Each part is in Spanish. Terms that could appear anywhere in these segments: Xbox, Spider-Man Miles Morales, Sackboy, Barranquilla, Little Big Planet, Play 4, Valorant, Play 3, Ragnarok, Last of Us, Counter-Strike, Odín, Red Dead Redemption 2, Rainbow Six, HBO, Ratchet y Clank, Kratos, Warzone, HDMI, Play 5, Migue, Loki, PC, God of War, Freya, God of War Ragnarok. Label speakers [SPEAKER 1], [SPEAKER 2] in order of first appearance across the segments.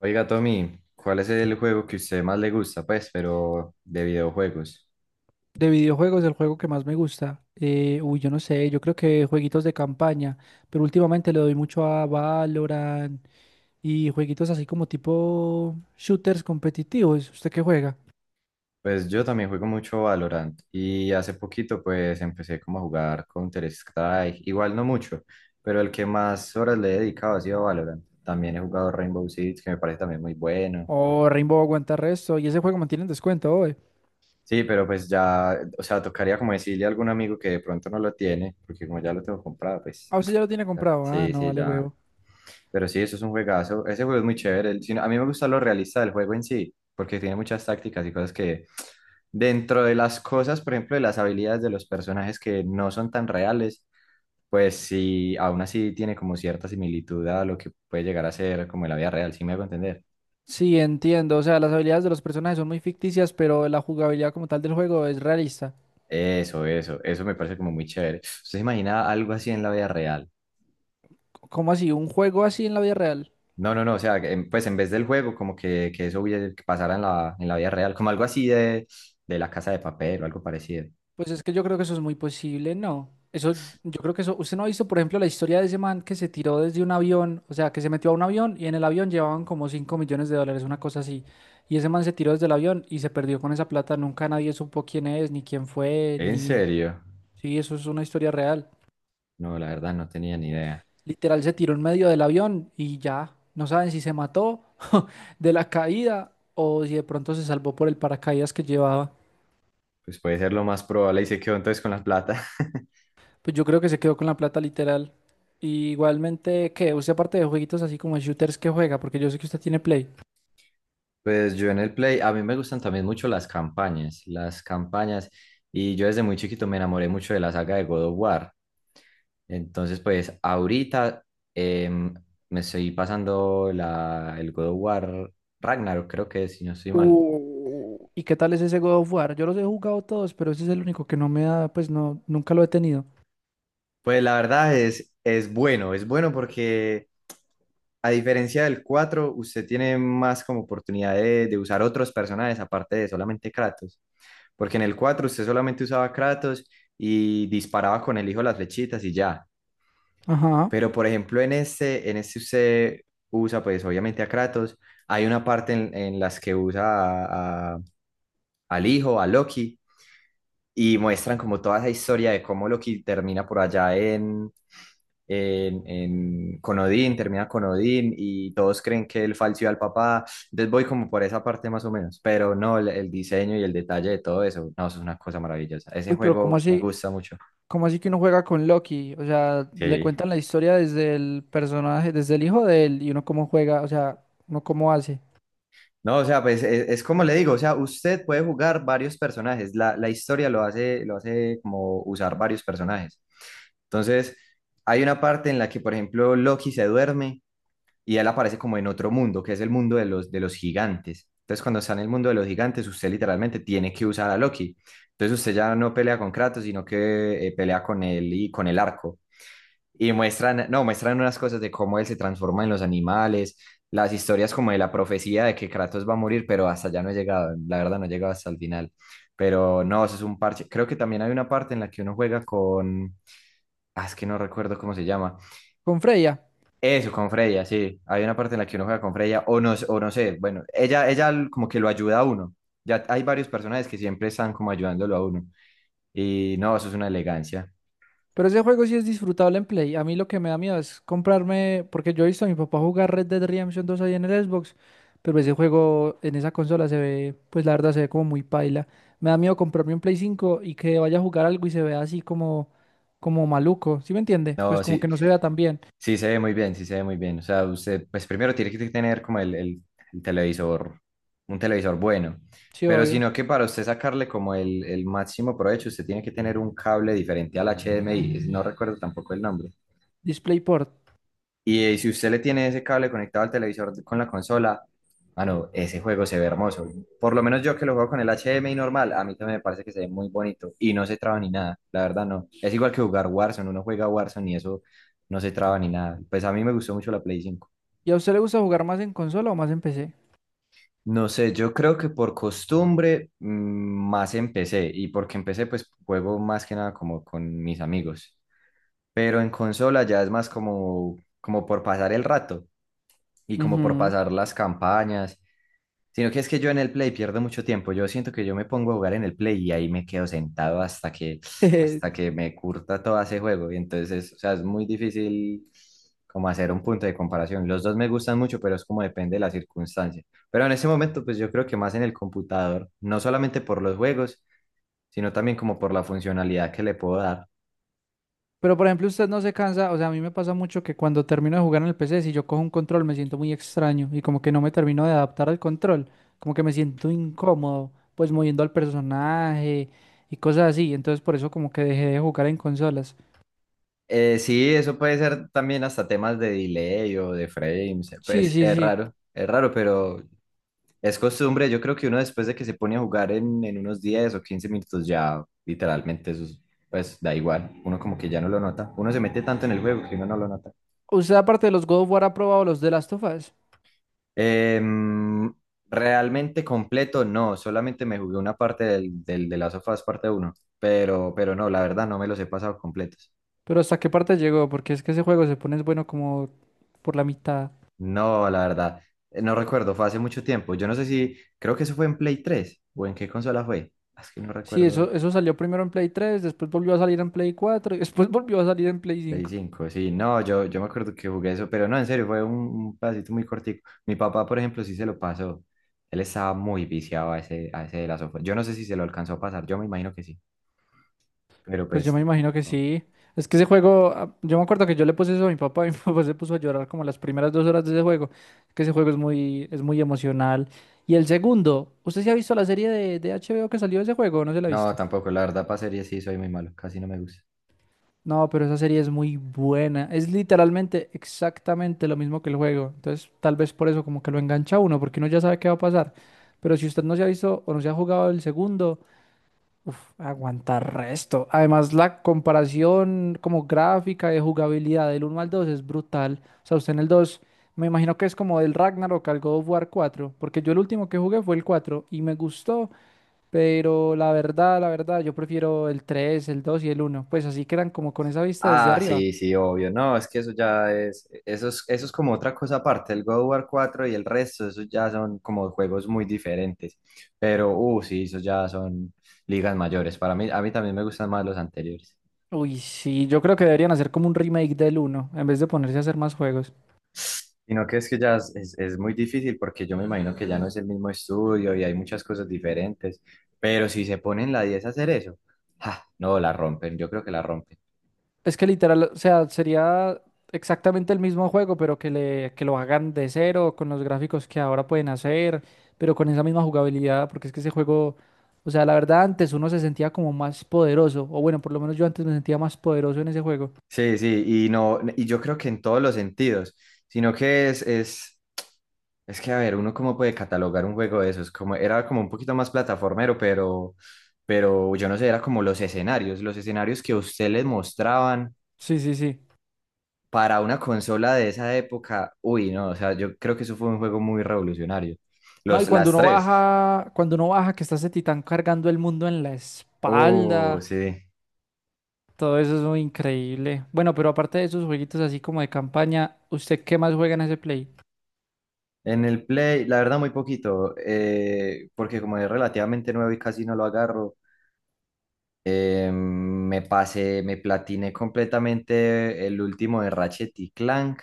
[SPEAKER 1] Oiga, Tommy, ¿cuál es el juego que usted más le gusta? Pues, pero de videojuegos.
[SPEAKER 2] De videojuegos, el juego que más me gusta. Yo no sé, yo creo que jueguitos de campaña, pero últimamente le doy mucho a Valorant y jueguitos así como tipo shooters competitivos. ¿Usted qué juega?
[SPEAKER 1] Pues yo también juego mucho Valorant y hace poquito pues empecé como a jugar Counter-Strike, igual no mucho, pero el que más horas le he dedicado ha sido Valorant. También he jugado Rainbow Six, que me parece también muy bueno.
[SPEAKER 2] Oh, Rainbow aguanta resto y ese juego mantiene en descuento hoy.
[SPEAKER 1] Sí, pero pues ya, o sea, tocaría como decirle a algún amigo que de pronto no lo tiene, porque como ya lo tengo comprado, pues
[SPEAKER 2] Ah, usted ya lo tiene comprado. Ah,
[SPEAKER 1] sí,
[SPEAKER 2] no,
[SPEAKER 1] sí,
[SPEAKER 2] vale
[SPEAKER 1] ya.
[SPEAKER 2] huevo.
[SPEAKER 1] Pero sí, eso es un juegazo. Ese juego es muy chévere. No, a mí me gusta lo realista del juego en sí, porque tiene muchas tácticas y cosas que dentro de las cosas, por ejemplo, de las habilidades de los personajes que no son tan reales, pues sí, aún así tiene como cierta similitud a lo que puede llegar a ser como en la vida real, ¿si me hago entender?
[SPEAKER 2] Sí, entiendo. O sea, las habilidades de los personajes son muy ficticias, pero la jugabilidad como tal del juego es realista.
[SPEAKER 1] Eso me parece como muy chévere. ¿Usted se imagina algo así en la vida real?
[SPEAKER 2] ¿Cómo así? ¿Un juego así en la vida real?
[SPEAKER 1] No, no, no, o sea, que pues en vez del juego, como que, eso que pasara en la vida real, como algo así de la Casa de Papel o algo parecido.
[SPEAKER 2] Pues es que yo creo que eso es muy posible, ¿no? Eso, yo creo que eso, usted no ha visto, por ejemplo, la historia de ese man que se tiró desde un avión, o sea, que se metió a un avión y en el avión llevaban como 5 millones de dólares, una cosa así. Y ese man se tiró desde el avión y se perdió con esa plata, nunca nadie supo quién es, ni quién fue,
[SPEAKER 1] ¿En
[SPEAKER 2] ni...
[SPEAKER 1] serio?
[SPEAKER 2] Sí, eso es una historia real.
[SPEAKER 1] No, la verdad no tenía ni idea.
[SPEAKER 2] Literal, se tiró en medio del avión y ya, no saben si se mató de la caída o si de pronto se salvó por el paracaídas que llevaba.
[SPEAKER 1] Pues puede ser lo más probable y se quedó entonces con la plata.
[SPEAKER 2] Pues yo creo que se quedó con la plata literal. Y igualmente, ¿qué? Usted aparte de jueguitos así como shooters que juega, porque yo sé que usted tiene Play.
[SPEAKER 1] Pues yo en el Play, a mí me gustan también mucho las campañas, las campañas. Y yo desde muy chiquito me enamoré mucho de la saga de God of War. Entonces, pues ahorita em, me estoy pasando el God of War Ragnarok, creo que es, si no estoy mal.
[SPEAKER 2] ¿Y qué tal es ese God of War? Yo los he jugado todos, pero ese es el único que no me da, pues no, nunca lo he tenido.
[SPEAKER 1] Pues la verdad es bueno, es bueno, porque, a diferencia del 4, usted tiene más como oportunidad de usar otros personajes aparte de solamente Kratos. Porque en el 4 usted solamente usaba Kratos y disparaba con el hijo las flechitas y ya.
[SPEAKER 2] Ajá.
[SPEAKER 1] Pero por ejemplo en este, usted usa pues obviamente a Kratos. Hay una parte en las que usa a- a- al hijo, a Loki, y muestran como toda esa historia de cómo Loki termina por allá con Odín, termina con Odín y todos creen que él falseó al papá. Entonces voy como por esa parte más o menos, pero no, el, diseño y el detalle de todo eso, no, eso es una cosa maravillosa. Ese
[SPEAKER 2] Uy, pero ¿cómo
[SPEAKER 1] juego me
[SPEAKER 2] así?
[SPEAKER 1] gusta mucho.
[SPEAKER 2] ¿Cómo así que uno juega con Loki? O sea, le
[SPEAKER 1] Sí.
[SPEAKER 2] cuentan la historia desde el personaje, desde el hijo de él, y uno cómo juega, o sea, uno cómo hace.
[SPEAKER 1] No, o sea, pues es, como le digo, o sea, usted puede jugar varios personajes, la, historia lo hace como usar varios personajes. Entonces, hay una parte en la que, por ejemplo, Loki se duerme y él aparece como en otro mundo, que es el mundo de los gigantes. Entonces, cuando está en el mundo de los gigantes, usted literalmente tiene que usar a Loki. Entonces, usted ya no pelea con Kratos, sino que pelea con él y con el arco. Y muestran, no, muestran unas cosas de cómo él se transforma en los animales, las historias como de la profecía de que Kratos va a morir, pero hasta allá no he llegado, la verdad no he llegado hasta el final. Pero no, eso es un parche. Creo que también hay una parte en la que uno juega con, ah, es que no recuerdo cómo se llama,
[SPEAKER 2] Con Freya.
[SPEAKER 1] eso, con Freya, sí. Hay una parte en la que uno juega con Freya, o no sé, bueno, ella, como que lo ayuda a uno. Ya hay varios personajes que siempre están como ayudándolo a uno. Y no, eso es una elegancia.
[SPEAKER 2] Pero ese juego sí es disfrutable en Play. A mí lo que me da miedo es comprarme, porque yo he visto a mi papá jugar Red Dead Redemption 2 ahí en el Xbox, pero ese juego en esa consola se ve, pues la verdad se ve como muy paila. Me da miedo comprarme un Play 5 y que vaya a jugar algo y se vea así como, como maluco, ¿sí me entiende? Pues
[SPEAKER 1] No,
[SPEAKER 2] como
[SPEAKER 1] sí,
[SPEAKER 2] que no se vea tan bien.
[SPEAKER 1] sí se ve muy bien, sí se ve muy bien. O sea, usted, pues primero tiene que tener como el televisor, un televisor bueno.
[SPEAKER 2] Sí,
[SPEAKER 1] Pero
[SPEAKER 2] obvio.
[SPEAKER 1] sino que para usted sacarle como el máximo provecho, usted tiene que tener un cable diferente al HDMI. No recuerdo tampoco el nombre.
[SPEAKER 2] DisplayPort.
[SPEAKER 1] Y si usted le tiene ese cable conectado al televisor con la consola, mano, ese juego se ve hermoso. Por lo menos yo que lo juego con el H D M HDMI normal, a mí también me parece que se ve muy bonito y no se traba ni nada, la verdad no. Es igual que jugar Warzone, uno juega Warzone y eso no se traba ni nada. Pues a mí me gustó mucho la Play cinco.
[SPEAKER 2] ¿Y a usted le gusta jugar más en consola o más en PC?
[SPEAKER 1] No sé, yo creo que por costumbre más empecé y porque empecé pues juego más que nada como con mis amigos. Pero en consola ya es más como, por pasar el rato y como por
[SPEAKER 2] Ujú.
[SPEAKER 1] pasar las campañas. Sino que es que yo en el Play pierdo mucho tiempo. Yo siento que yo me pongo a jugar en el Play y ahí me quedo sentado hasta que, hasta que me curta todo ese juego. Y entonces, o sea, es muy difícil como hacer un punto de comparación. Los dos me gustan mucho, pero es como depende de la circunstancia. Pero en ese momento, pues yo creo que más en el computador, no solamente por los juegos, sino también como por la funcionalidad que le puedo dar.
[SPEAKER 2] Pero por ejemplo, usted no se cansa, o sea, a mí me pasa mucho que cuando termino de jugar en el PC, si yo cojo un control me siento muy extraño y como que no me termino de adaptar al control, como que me siento incómodo, pues moviendo al personaje y cosas así, entonces por eso como que dejé de jugar en consolas.
[SPEAKER 1] Sí, eso puede ser también hasta temas de delay o de frames.
[SPEAKER 2] Sí,
[SPEAKER 1] Pues
[SPEAKER 2] sí, sí.
[SPEAKER 1] es raro, pero es costumbre, yo creo que uno después de que se pone a jugar en, unos 10 o 15 minutos ya literalmente eso es- pues da igual, uno como que ya no lo nota, uno se mete tanto en el juego que uno no lo nota.
[SPEAKER 2] Usted aparte de los God of War ha probado los de Last of Us,
[SPEAKER 1] Em, Realmente completo no, solamente me jugué una parte de las sofás parte uno pero no, la verdad no me los he pasado completos.
[SPEAKER 2] pero ¿hasta qué parte llegó? Porque es que ese juego se pone bueno como por la mitad.
[SPEAKER 1] No, la verdad, no recuerdo, fue hace mucho tiempo, yo no sé si, creo que eso fue en Play 3 o en qué consola fue, es que no
[SPEAKER 2] Sí,
[SPEAKER 1] recuerdo.
[SPEAKER 2] eso salió primero en Play 3, después volvió a salir en Play 4 y después volvió a salir en Play
[SPEAKER 1] Play
[SPEAKER 2] cinco.
[SPEAKER 1] 5 sí, no, yo, me acuerdo que jugué eso, pero no, en serio, fue un pedacito muy cortico. Mi papá, por ejemplo, sí se lo pasó. Él estaba muy viciado a ese de las sofá. Yo no sé si se lo alcanzó a pasar, yo me imagino que sí, pero
[SPEAKER 2] Pues yo
[SPEAKER 1] pues,
[SPEAKER 2] me imagino que
[SPEAKER 1] no,
[SPEAKER 2] sí. Es que ese juego, ah, yo me acuerdo que yo le puse eso a mi papá y mi papá se puso a llorar como las primeras 2 horas de ese juego. Es que ese juego es muy, Es muy emocional. Y el segundo, ¿usted se ha visto la serie de, HBO. Que salió de ese juego? ¿O no se la ha
[SPEAKER 1] no,
[SPEAKER 2] visto?
[SPEAKER 1] tampoco, la verdad, para series sí soy muy malo, casi no me gusta.
[SPEAKER 2] No, pero esa serie es muy buena. Es literalmente exactamente lo mismo que el juego. Entonces, tal vez por eso como que lo engancha a uno, porque uno ya sabe qué va a pasar. Pero si usted no se ha visto o no se ha jugado el segundo, uf, aguantar resto. Además, la comparación como gráfica de jugabilidad del uno al 2 es brutal. O sea, usted en el 2, me imagino que es como del Ragnarok al God of War 4, porque yo el último que jugué fue el 4 y me gustó, pero la verdad, yo prefiero el 3, el 2 y el uno. Pues así quedan como con esa vista desde
[SPEAKER 1] Ah,
[SPEAKER 2] arriba.
[SPEAKER 1] sí, sí, obvio. No, es que eso ya es, eso es, eso es como otra cosa aparte. El God of War 4 y el resto, eso ya son como juegos muy diferentes. Pero, sí, eso ya son ligas mayores. Para mí, a mí también me gustan más los anteriores.
[SPEAKER 2] Uy, sí, yo creo que deberían hacer como un remake del uno en vez de ponerse a hacer más juegos.
[SPEAKER 1] Sino que es que ya es muy difícil porque yo me imagino que ya no es el mismo estudio y hay muchas cosas diferentes. Pero si se ponen la 10 a hacer eso, ja, no, la rompen. Yo creo que la rompen.
[SPEAKER 2] Es que literal, o sea, sería exactamente el mismo juego, pero que lo hagan de cero, con los gráficos que ahora pueden hacer, pero con esa misma jugabilidad, porque es que ese juego, o sea, la verdad, antes uno se sentía como más poderoso, o bueno, por lo menos yo antes me sentía más poderoso en ese juego.
[SPEAKER 1] Sí, sí, y no, y yo creo que en todos los sentidos, sino que es es que, a ver, uno cómo puede catalogar un juego de esos, como era como un poquito más plataformero, pero yo no sé, era como los escenarios que a usted les mostraban
[SPEAKER 2] Sí, sí, sí.
[SPEAKER 1] para una consola de esa época, uy, no, o sea, yo creo que eso fue un juego muy revolucionario.
[SPEAKER 2] No, y
[SPEAKER 1] Los, las tres,
[SPEAKER 2] cuando uno baja, que está ese titán cargando el mundo en la
[SPEAKER 1] oh,
[SPEAKER 2] espalda,
[SPEAKER 1] sí.
[SPEAKER 2] todo eso es muy increíble. Bueno, pero aparte de esos jueguitos así como de campaña, ¿usted qué más juega en ese play?
[SPEAKER 1] En el Play, la verdad, muy poquito, porque como es relativamente nuevo y casi no lo agarro, me pasé, me platiné completamente el último de Ratchet y Clank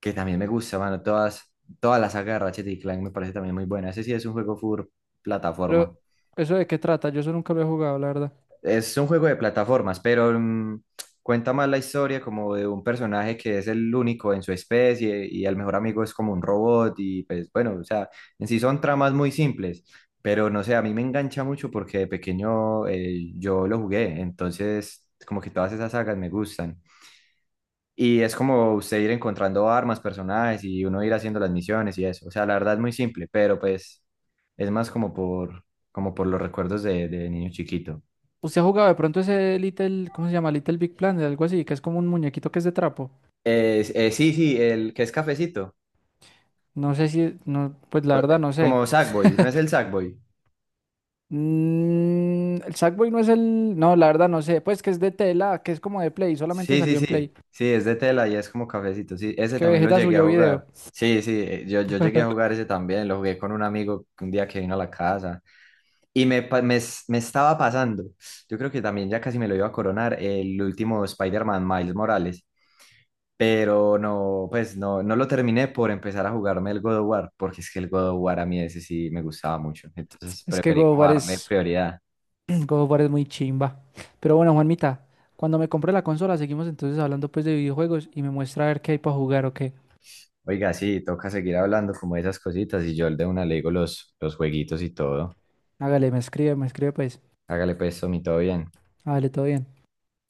[SPEAKER 1] que también me gusta, mano. Todas las saga de Ratchet y Clank me parece también muy buena. Ese sí es un juego full
[SPEAKER 2] Pero,
[SPEAKER 1] plataforma.
[SPEAKER 2] ¿eso de qué trata? Yo eso nunca lo he jugado, la verdad.
[SPEAKER 1] Es un juego de plataformas, pero cuenta más la historia como de un personaje que es el único en su especie y el mejor amigo es como un robot y pues bueno, o sea, en sí son tramas muy simples. Pero no sé, a mí me engancha mucho porque de pequeño yo lo jugué, entonces como que todas esas sagas me gustan. Y es como usted ir encontrando armas, personajes y uno ir haciendo las misiones y eso. O sea, la verdad es muy simple, pero pues es más como por, los recuerdos de niño chiquito.
[SPEAKER 2] ¿Usted ha jugado de pronto ese Little, ¿cómo se llama? Little Big Planet, algo así, que es como un muñequito que es de trapo.
[SPEAKER 1] Sí, sí, el que es cafecito,
[SPEAKER 2] No sé si, no, pues la verdad no sé.
[SPEAKER 1] como Sackboy, ¿no es el Sackboy?
[SPEAKER 2] Mm, el Sackboy no es el, no, la verdad no sé. Pues que es de tela, que es como de Play, solamente
[SPEAKER 1] Sí, sí,
[SPEAKER 2] salió en Play.
[SPEAKER 1] sí, sí, es de tela y es como cafecito, sí, ese
[SPEAKER 2] Que
[SPEAKER 1] también lo
[SPEAKER 2] Vegeta
[SPEAKER 1] llegué a
[SPEAKER 2] subió video.
[SPEAKER 1] jugar. Sí, sí, yo llegué a jugar ese también, lo jugué con un amigo un día que vino a la casa. Y me, pa- me es- me estaba pasando, yo creo que también ya casi me lo iba a coronar el último Spider-Man Miles Morales, pero no, pues no, no lo terminé por empezar a jugarme el God of War, porque es que el God of War a mí ese sí me gustaba mucho, entonces
[SPEAKER 2] Es que
[SPEAKER 1] preferí
[SPEAKER 2] God of
[SPEAKER 1] como
[SPEAKER 2] War
[SPEAKER 1] darle
[SPEAKER 2] es,
[SPEAKER 1] prioridad.
[SPEAKER 2] God of War es muy chimba. Pero bueno, Juanmita, cuando me compre la consola, seguimos entonces hablando pues de videojuegos y me muestra a ver qué hay para jugar o qué.
[SPEAKER 1] Oiga, sí, toca seguir hablando como de esas cositas y yo el de una le digo los, jueguitos y todo.
[SPEAKER 2] Hágale, me escribe pues.
[SPEAKER 1] Hágale pues, Tommy, todo bien.
[SPEAKER 2] Hágale, todo bien.